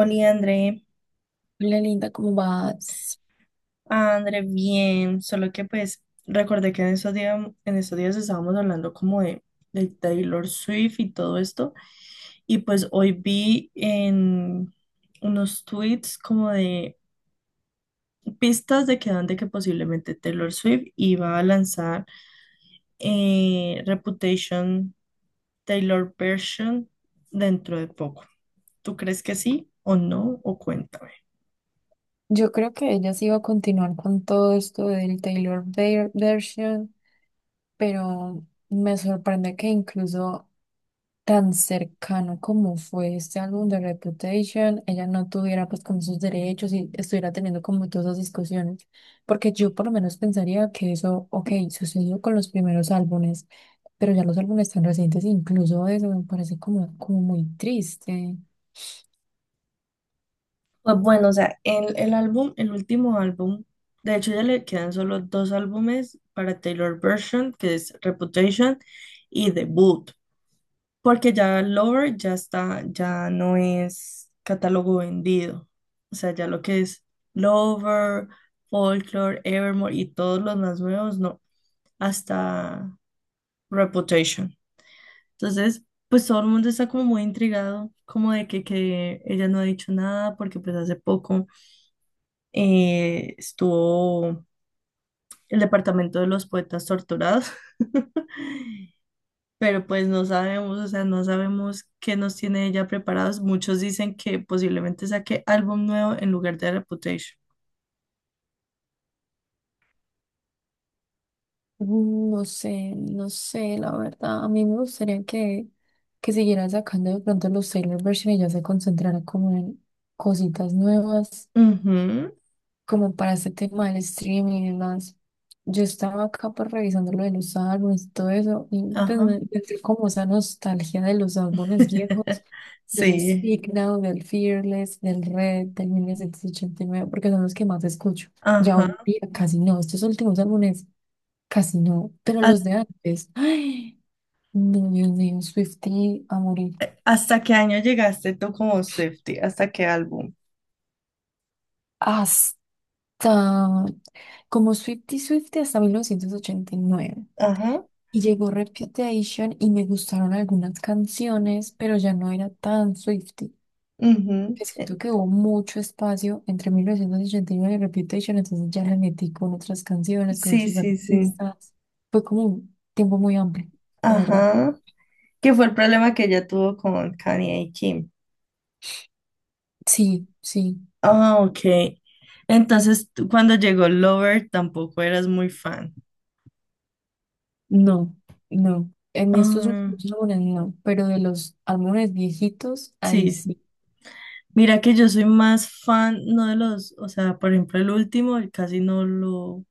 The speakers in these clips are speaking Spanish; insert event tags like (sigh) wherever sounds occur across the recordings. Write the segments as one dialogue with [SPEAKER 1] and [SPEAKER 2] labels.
[SPEAKER 1] Oli, André.
[SPEAKER 2] Hola Linda, ¿cómo vas?
[SPEAKER 1] André, bien, solo que pues recordé que en esos días, estábamos hablando como de Taylor Swift y todo esto, y pues hoy vi en unos tweets como de pistas de que dan de que posiblemente Taylor Swift iba a lanzar Reputation Taylor Version dentro de poco. ¿Tú crees que sí o no? O cuéntame.
[SPEAKER 2] Yo creo que ella sí iba a continuar con todo esto del version, pero me sorprende que incluso tan cercano como fue este álbum de Reputation, ella no tuviera pues como sus derechos y estuviera teniendo como todas esas discusiones, porque yo por lo menos pensaría que eso, ok, sucedió con los primeros álbumes, pero ya los álbumes tan recientes, incluso eso me parece como muy triste.
[SPEAKER 1] Pues bueno, o sea, el álbum, el último álbum, de hecho ya le quedan solo dos álbumes para Taylor Version, que es Reputation y Debut, porque ya Lover ya está, ya no es catálogo vendido. O sea, ya lo que es Lover, Folklore, Evermore y todos los más nuevos, no, hasta Reputation. Entonces, pues todo el mundo está como muy intrigado, como de que ella no ha dicho nada, porque pues hace poco estuvo el departamento de los poetas torturados, (laughs) pero pues no sabemos, o sea, no sabemos qué nos tiene ella preparados. Muchos dicen que posiblemente saque álbum nuevo en lugar de Reputation.
[SPEAKER 2] No sé, no sé, la verdad. A mí me gustaría que siguieran sacando de pronto los Taylor Version y ya se concentrara como en cositas nuevas,
[SPEAKER 1] Ujú,
[SPEAKER 2] como para este tema del streaming y demás. Yo estaba acá pues revisando lo de los álbumes y todo eso, y pues
[SPEAKER 1] ajá.
[SPEAKER 2] me entré como esa nostalgia de los álbumes viejos,
[SPEAKER 1] (laughs)
[SPEAKER 2] del
[SPEAKER 1] Sí,
[SPEAKER 2] Speak Now, del Fearless, del Red, del 1989 porque son los que más escucho. Ya hoy en
[SPEAKER 1] ajá.
[SPEAKER 2] día casi no, estos últimos álbumes. Casi no, pero los
[SPEAKER 1] ¿Has-
[SPEAKER 2] de antes. Ay, no, Dios mío, Swiftie a morir.
[SPEAKER 1] ¿Hasta qué año llegaste tú como Swiftie? ¿Hasta qué álbum?
[SPEAKER 2] Hasta, como Swiftie hasta 1989
[SPEAKER 1] Ajá.
[SPEAKER 2] y llegó Reputation y me gustaron algunas canciones, pero ya no era tan Swiftie.
[SPEAKER 1] Ujú.
[SPEAKER 2] Que Siento que hubo mucho espacio entre 1989 y nueve y Reputation, entonces ya la metí con otras canciones, con
[SPEAKER 1] Sí,
[SPEAKER 2] otros
[SPEAKER 1] sí, sí.
[SPEAKER 2] artistas. Fue como un tiempo muy amplio, la verdad.
[SPEAKER 1] Ajá. Que fue el problema que ella tuvo con Kanye y Kim.
[SPEAKER 2] Sí, sí.
[SPEAKER 1] Ah, ok. Entonces, tú cuando llegó Lover tampoco eras muy fan.
[SPEAKER 2] No, no. En estos
[SPEAKER 1] Ah,
[SPEAKER 2] últimos álbumes no, pero de los álbumes viejitos, ahí
[SPEAKER 1] sí, sí.
[SPEAKER 2] sí.
[SPEAKER 1] Mira que yo soy más fan, no de los, o sea, por ejemplo, el último, el casi no lo,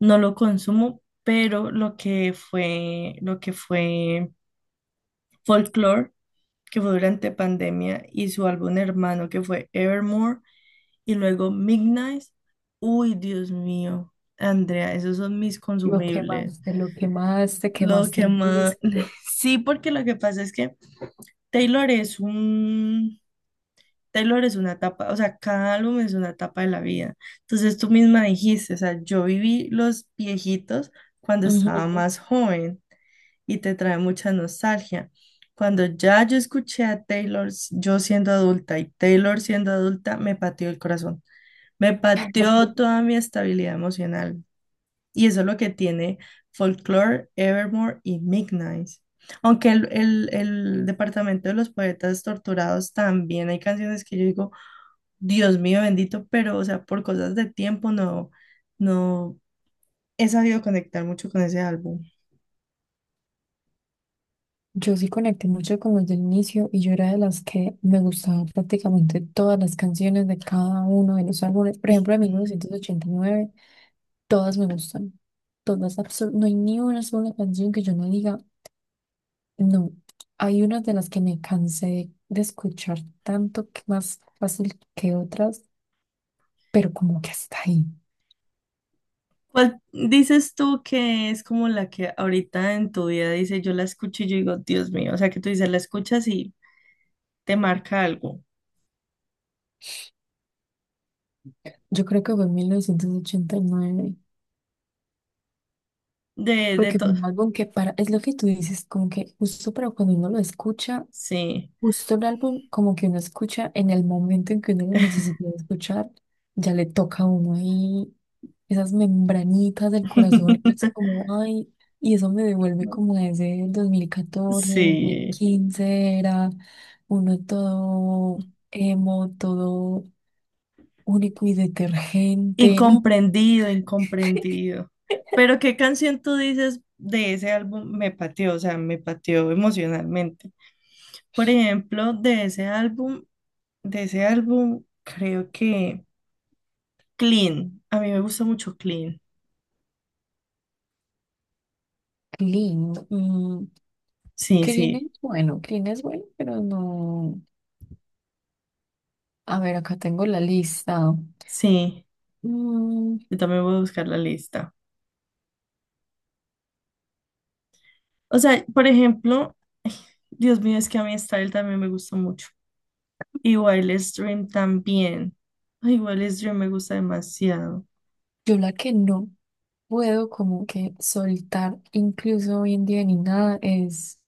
[SPEAKER 1] no lo consumo, pero lo que fue Folklore, que fue durante pandemia, y su álbum hermano que fue Evermore. Y luego Midnight. Uy, Dios mío. Andrea, esos son mis consumibles.
[SPEAKER 2] Lo quemaste,
[SPEAKER 1] Lo
[SPEAKER 2] quemaste
[SPEAKER 1] que
[SPEAKER 2] el
[SPEAKER 1] más...
[SPEAKER 2] disco.
[SPEAKER 1] (laughs) Sí, porque lo que pasa es que Taylor es un... Taylor es una etapa, o sea, cada álbum es una etapa de la vida. Entonces tú misma dijiste, o sea, yo viví los viejitos cuando estaba
[SPEAKER 2] Ujú.
[SPEAKER 1] más joven y te trae mucha nostalgia. Cuando ya yo escuché a Taylor, yo siendo adulta y Taylor siendo adulta, me pateó el corazón. Me pateó
[SPEAKER 2] (laughs)
[SPEAKER 1] toda mi estabilidad emocional. Y eso es lo que tiene Folklore, Evermore y Midnight. Aunque el Departamento de los Poetas Torturados también hay canciones que yo digo, Dios mío bendito, pero o sea, por cosas de tiempo no, no he sabido conectar mucho con ese álbum.
[SPEAKER 2] Yo sí conecté mucho con los del inicio y yo era de las que me gustaba prácticamente todas las canciones de cada uno de los álbumes. Por ejemplo, de 1989 todas me gustan. Todas, no hay ni una sola canción que yo no diga, no. Hay unas de las que me cansé de escuchar tanto que más fácil que otras, pero como que hasta ahí.
[SPEAKER 1] ¿Cuál dices tú que es como la que ahorita en tu vida dice, yo la escucho y yo digo, Dios mío, o sea, que tú dices, la escuchas y te marca algo
[SPEAKER 2] Yo creo que fue en 1989
[SPEAKER 1] de
[SPEAKER 2] porque fue
[SPEAKER 1] todo?
[SPEAKER 2] un álbum que para, es lo que tú dices, como que justo para cuando uno lo escucha,
[SPEAKER 1] Sí.
[SPEAKER 2] justo el álbum, como que uno escucha en el momento en que uno lo necesita escuchar, ya le toca a uno ahí esas membranitas del corazón. Y uno es
[SPEAKER 1] (laughs)
[SPEAKER 2] como, ay, y eso me devuelve como a ese 2014, dos mil
[SPEAKER 1] Sí,
[SPEAKER 2] quince era uno todo emo, todo único y detergente, ¿no?
[SPEAKER 1] incomprendido, incomprendido. Pero ¿qué canción tú dices de ese álbum me pateó? O sea, me pateó emocionalmente. Por ejemplo, de ese álbum, creo que Clean. A mí me gusta mucho Clean.
[SPEAKER 2] Qué lindo.
[SPEAKER 1] Sí, sí,
[SPEAKER 2] Clean es bueno, pero no. A ver, acá tengo la lista.
[SPEAKER 1] sí.
[SPEAKER 2] Mm,
[SPEAKER 1] Yo también voy a buscar la lista. O sea, por ejemplo, Dios mío, es que a mí Style también me gusta mucho. Y Wildest Dream también. Ay, Wildest Dream me gusta demasiado.
[SPEAKER 2] yo la que no puedo como que soltar, incluso hoy en día ni nada, es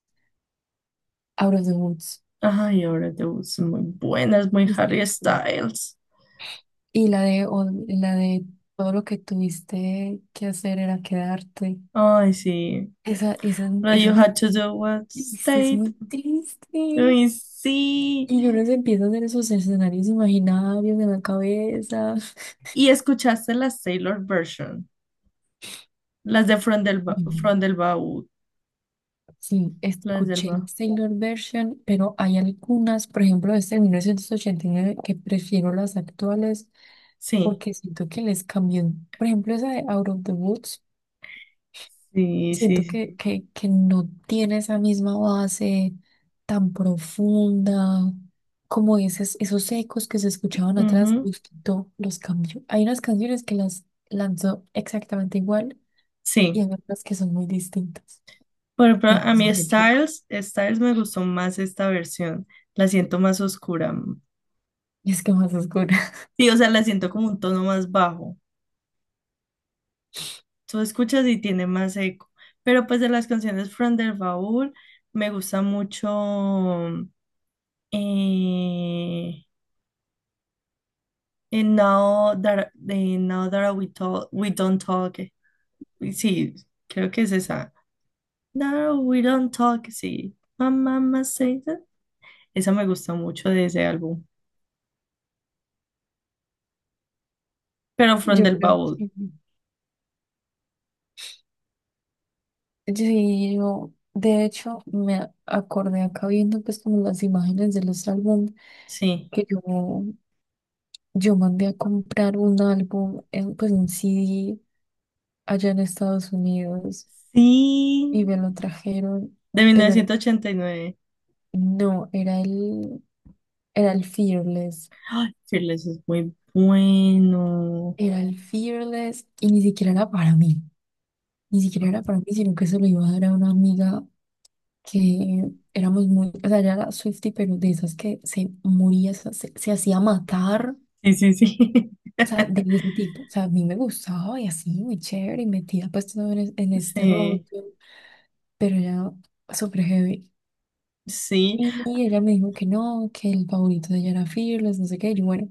[SPEAKER 2] Out of the Woods.
[SPEAKER 1] Ay, ahora te gustan muy buenas, muy
[SPEAKER 2] Este,
[SPEAKER 1] Harry Styles.
[SPEAKER 2] Y la de, la de todo lo que tuviste que hacer era quedarte.
[SPEAKER 1] Ay, sí.
[SPEAKER 2] Esa,
[SPEAKER 1] But you had to do what
[SPEAKER 2] es
[SPEAKER 1] state.
[SPEAKER 2] muy triste.
[SPEAKER 1] Ay, sí.
[SPEAKER 2] Y uno se empieza a hacer esos escenarios imaginarios en la cabeza.
[SPEAKER 1] ¿Y escuchaste las Taylor version? Las de From del, Ba-
[SPEAKER 2] Mm,
[SPEAKER 1] From del Baúl.
[SPEAKER 2] Sí,
[SPEAKER 1] Las del
[SPEAKER 2] escuché
[SPEAKER 1] Baúl.
[SPEAKER 2] Taylor Version, pero hay algunas, por ejemplo, desde 1989 que prefiero las actuales
[SPEAKER 1] Sí.
[SPEAKER 2] porque siento que les cambió, por ejemplo, esa de Out of the Woods,
[SPEAKER 1] Sí, sí,
[SPEAKER 2] siento
[SPEAKER 1] sí.
[SPEAKER 2] que no tiene esa misma base tan profunda, como esos, esos ecos que se escuchaban atrás,
[SPEAKER 1] Ujú.
[SPEAKER 2] los quitó, los cambió. Hay unas canciones que las lanzó exactamente igual y
[SPEAKER 1] Sí.
[SPEAKER 2] hay otras que son muy distintas.
[SPEAKER 1] Por ejemplo, a mí
[SPEAKER 2] Entonces, de hecho,
[SPEAKER 1] Styles me gustó más esta versión. La siento más oscura.
[SPEAKER 2] es que más oscura,
[SPEAKER 1] Sí, o sea, la siento como un tono más bajo. Tú escuchas y tiene más eco. Pero pues de las canciones From the Vault me gusta mucho eh, Now That We Talk, We Don't Talk. Uy, sí, creo que es esa. Now We Don't Talk, sí. My mama say that. Esa me gusta mucho de ese álbum. Pero
[SPEAKER 2] (laughs)
[SPEAKER 1] From
[SPEAKER 2] yo
[SPEAKER 1] the
[SPEAKER 2] creo
[SPEAKER 1] Vault
[SPEAKER 2] que... sí, yo, de hecho, me acordé acá viendo pues como las imágenes de los álbumes
[SPEAKER 1] sí.
[SPEAKER 2] que yo mandé a comprar un álbum, pues un CD allá en Estados Unidos
[SPEAKER 1] Sí,
[SPEAKER 2] y me lo trajeron,
[SPEAKER 1] de mil
[SPEAKER 2] pero
[SPEAKER 1] novecientos ochenta y nueve
[SPEAKER 2] no, era era el Fearless,
[SPEAKER 1] Ay, Fearless es muy bueno.
[SPEAKER 2] era el Fearless y ni siquiera era para mí, ni siquiera era para mí, sino que se lo iba a dar a una amiga que éramos muy, o sea, ella era Swiftie, pero de esas que se moría, se hacía matar.
[SPEAKER 1] Sí, sí, sí.
[SPEAKER 2] O sea,
[SPEAKER 1] (laughs)
[SPEAKER 2] de ese tipo, o sea, a mí me gustaba y así, muy chévere, y metida pues todo en este rollo.
[SPEAKER 1] Sí,
[SPEAKER 2] Pero ella súper heavy.
[SPEAKER 1] sí,
[SPEAKER 2] Y ella me dijo que no, que el favorito de ella era Fearless, no sé qué. Y yo, bueno,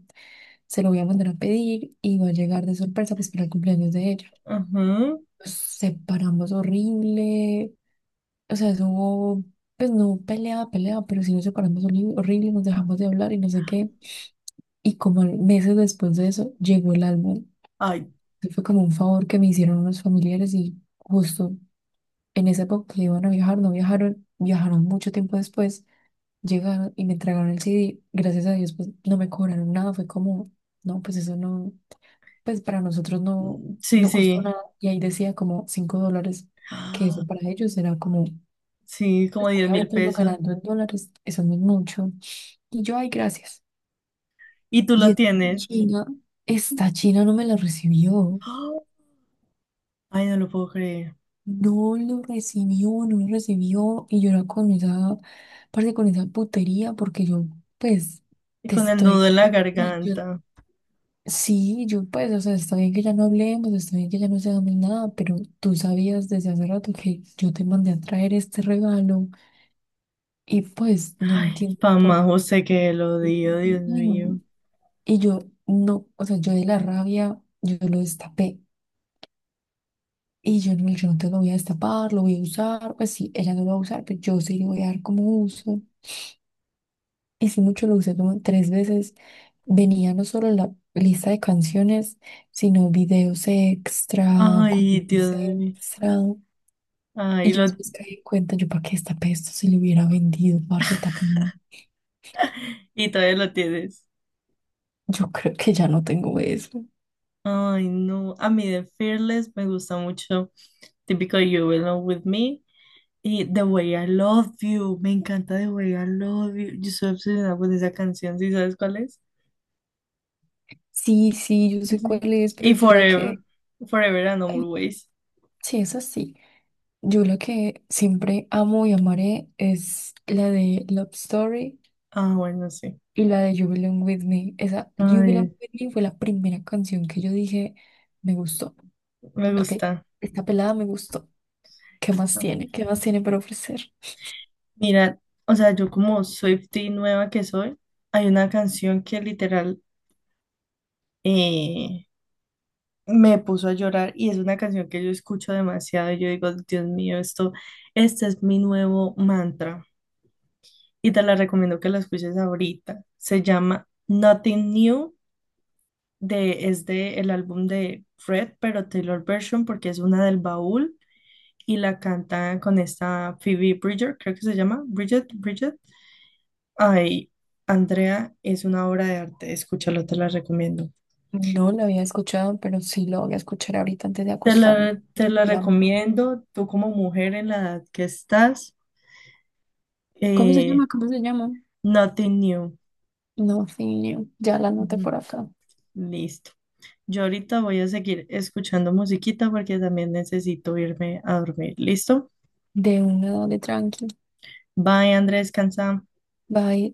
[SPEAKER 2] se lo voy a mandar a pedir y va a llegar de sorpresa pues para el cumpleaños de ella.
[SPEAKER 1] ujú.
[SPEAKER 2] Nos separamos horrible, o sea, eso hubo, pues no pelea pelea pero sí nos separamos horrible, nos dejamos de hablar y no sé qué. Y como meses después de eso, llegó el álbum.
[SPEAKER 1] Ay,
[SPEAKER 2] Y fue como un favor que me hicieron unos familiares y justo en esa época que iban a viajar, no viajaron, viajaron mucho tiempo después. Llegaron y me entregaron el CD. Gracias a Dios, pues no me cobraron nada. Fue como, no, pues eso no, pues para nosotros no,
[SPEAKER 1] sí,
[SPEAKER 2] no costó
[SPEAKER 1] sí.
[SPEAKER 2] nada. Y ahí decía como $5, que
[SPEAKER 1] Ah,
[SPEAKER 2] eso para ellos era como,
[SPEAKER 1] sí, como
[SPEAKER 2] pues,
[SPEAKER 1] diez mil
[SPEAKER 2] obviamente uno
[SPEAKER 1] pesos.
[SPEAKER 2] ganando en dólares, eso no es mucho. Y yo, ay, gracias.
[SPEAKER 1] Y tú
[SPEAKER 2] Y
[SPEAKER 1] lo tienes.
[SPEAKER 2] China, esta China no me la recibió.
[SPEAKER 1] Ah, ay, no lo puedo creer.
[SPEAKER 2] No lo recibió, no lo recibió. Y yo era con esa, parte con esa putería, porque yo, pues,
[SPEAKER 1] Y
[SPEAKER 2] te
[SPEAKER 1] con el
[SPEAKER 2] estoy.
[SPEAKER 1] nudo en la garganta.
[SPEAKER 2] Sí, yo pues, o sea, está bien que ya no hablemos, está bien que ya no seamos nada, pero tú sabías desde hace rato que yo te mandé a traer este regalo y pues no
[SPEAKER 1] Ay,
[SPEAKER 2] entiendo por
[SPEAKER 1] Pamá
[SPEAKER 2] qué.
[SPEAKER 1] José, que lo
[SPEAKER 2] (laughs)
[SPEAKER 1] dio, Dios
[SPEAKER 2] Ay, no.
[SPEAKER 1] mío.
[SPEAKER 2] Y yo no, o sea, yo de la rabia, yo lo destapé y yo no, yo no te lo voy a destapar, lo voy a usar, pues sí, ella no lo va a usar, pero yo sí le voy a dar como uso. Y sí, mucho lo usé como tres veces. Venía no solo la lista de canciones, sino videos extra,
[SPEAKER 1] Ay,
[SPEAKER 2] cositas
[SPEAKER 1] Dios mío.
[SPEAKER 2] extra. Y
[SPEAKER 1] Ay,
[SPEAKER 2] yo
[SPEAKER 1] lo,
[SPEAKER 2] después caí en cuenta, yo para qué esta esto, si le hubiera vendido, parce, también.
[SPEAKER 1] y todavía lo tienes.
[SPEAKER 2] Yo creo que ya no tengo eso.
[SPEAKER 1] Ay, no. A mí de Fearless me gusta mucho. Típico You Belong With Me. Y The Way I Love You, me encanta The Way I Love You. Yo soy obsesionada con esa canción, ¿sí sabes cuál es?
[SPEAKER 2] Sí, sí, yo sé
[SPEAKER 1] Sí.
[SPEAKER 2] cuál es, pero
[SPEAKER 1] Y
[SPEAKER 2] yo la que...
[SPEAKER 1] Forever and
[SPEAKER 2] ay,
[SPEAKER 1] Always.
[SPEAKER 2] sí, es así. Yo la que siempre amo y amaré es la de Love Story.
[SPEAKER 1] Ah, bueno, sí.
[SPEAKER 2] Y la de You Belong With Me, esa You Belong
[SPEAKER 1] Ay,
[SPEAKER 2] With Me fue la primera canción que yo dije, me gustó.
[SPEAKER 1] me
[SPEAKER 2] Ok,
[SPEAKER 1] gusta.
[SPEAKER 2] esta pelada me gustó. ¿Qué más
[SPEAKER 1] Ah,
[SPEAKER 2] tiene? ¿Qué más tiene para ofrecer?
[SPEAKER 1] mira, o sea, yo como Swiftie nueva que soy, hay una canción que literal eh, me puso a llorar y es una canción que yo escucho demasiado y yo digo, Dios mío, esto, este es mi nuevo mantra. Y te la recomiendo que la escuches ahorita. Se llama Nothing New, de, es de el álbum de Fred, pero Taylor Version, porque es una del baúl y la canta con esta Phoebe Bridger, creo que se llama Bridget. Ay, Andrea, es una obra de arte, escúchala, te la recomiendo.
[SPEAKER 2] No la había escuchado, pero sí la voy a escuchar ahorita antes de acostarme.
[SPEAKER 1] Te la
[SPEAKER 2] Digamos,
[SPEAKER 1] recomiendo, tú como mujer en la edad que estás,
[SPEAKER 2] ¿cómo se
[SPEAKER 1] eh,
[SPEAKER 2] llama? ¿Cómo se llama?
[SPEAKER 1] Nothing New.
[SPEAKER 2] No, sí, ya la anoté
[SPEAKER 1] Ujú.
[SPEAKER 2] por acá.
[SPEAKER 1] Listo. Yo ahorita voy a seguir escuchando musiquita porque también necesito irme a dormir. ¿Listo?
[SPEAKER 2] De una, de tranqui.
[SPEAKER 1] Bye, Andrés, descansa.
[SPEAKER 2] Bye.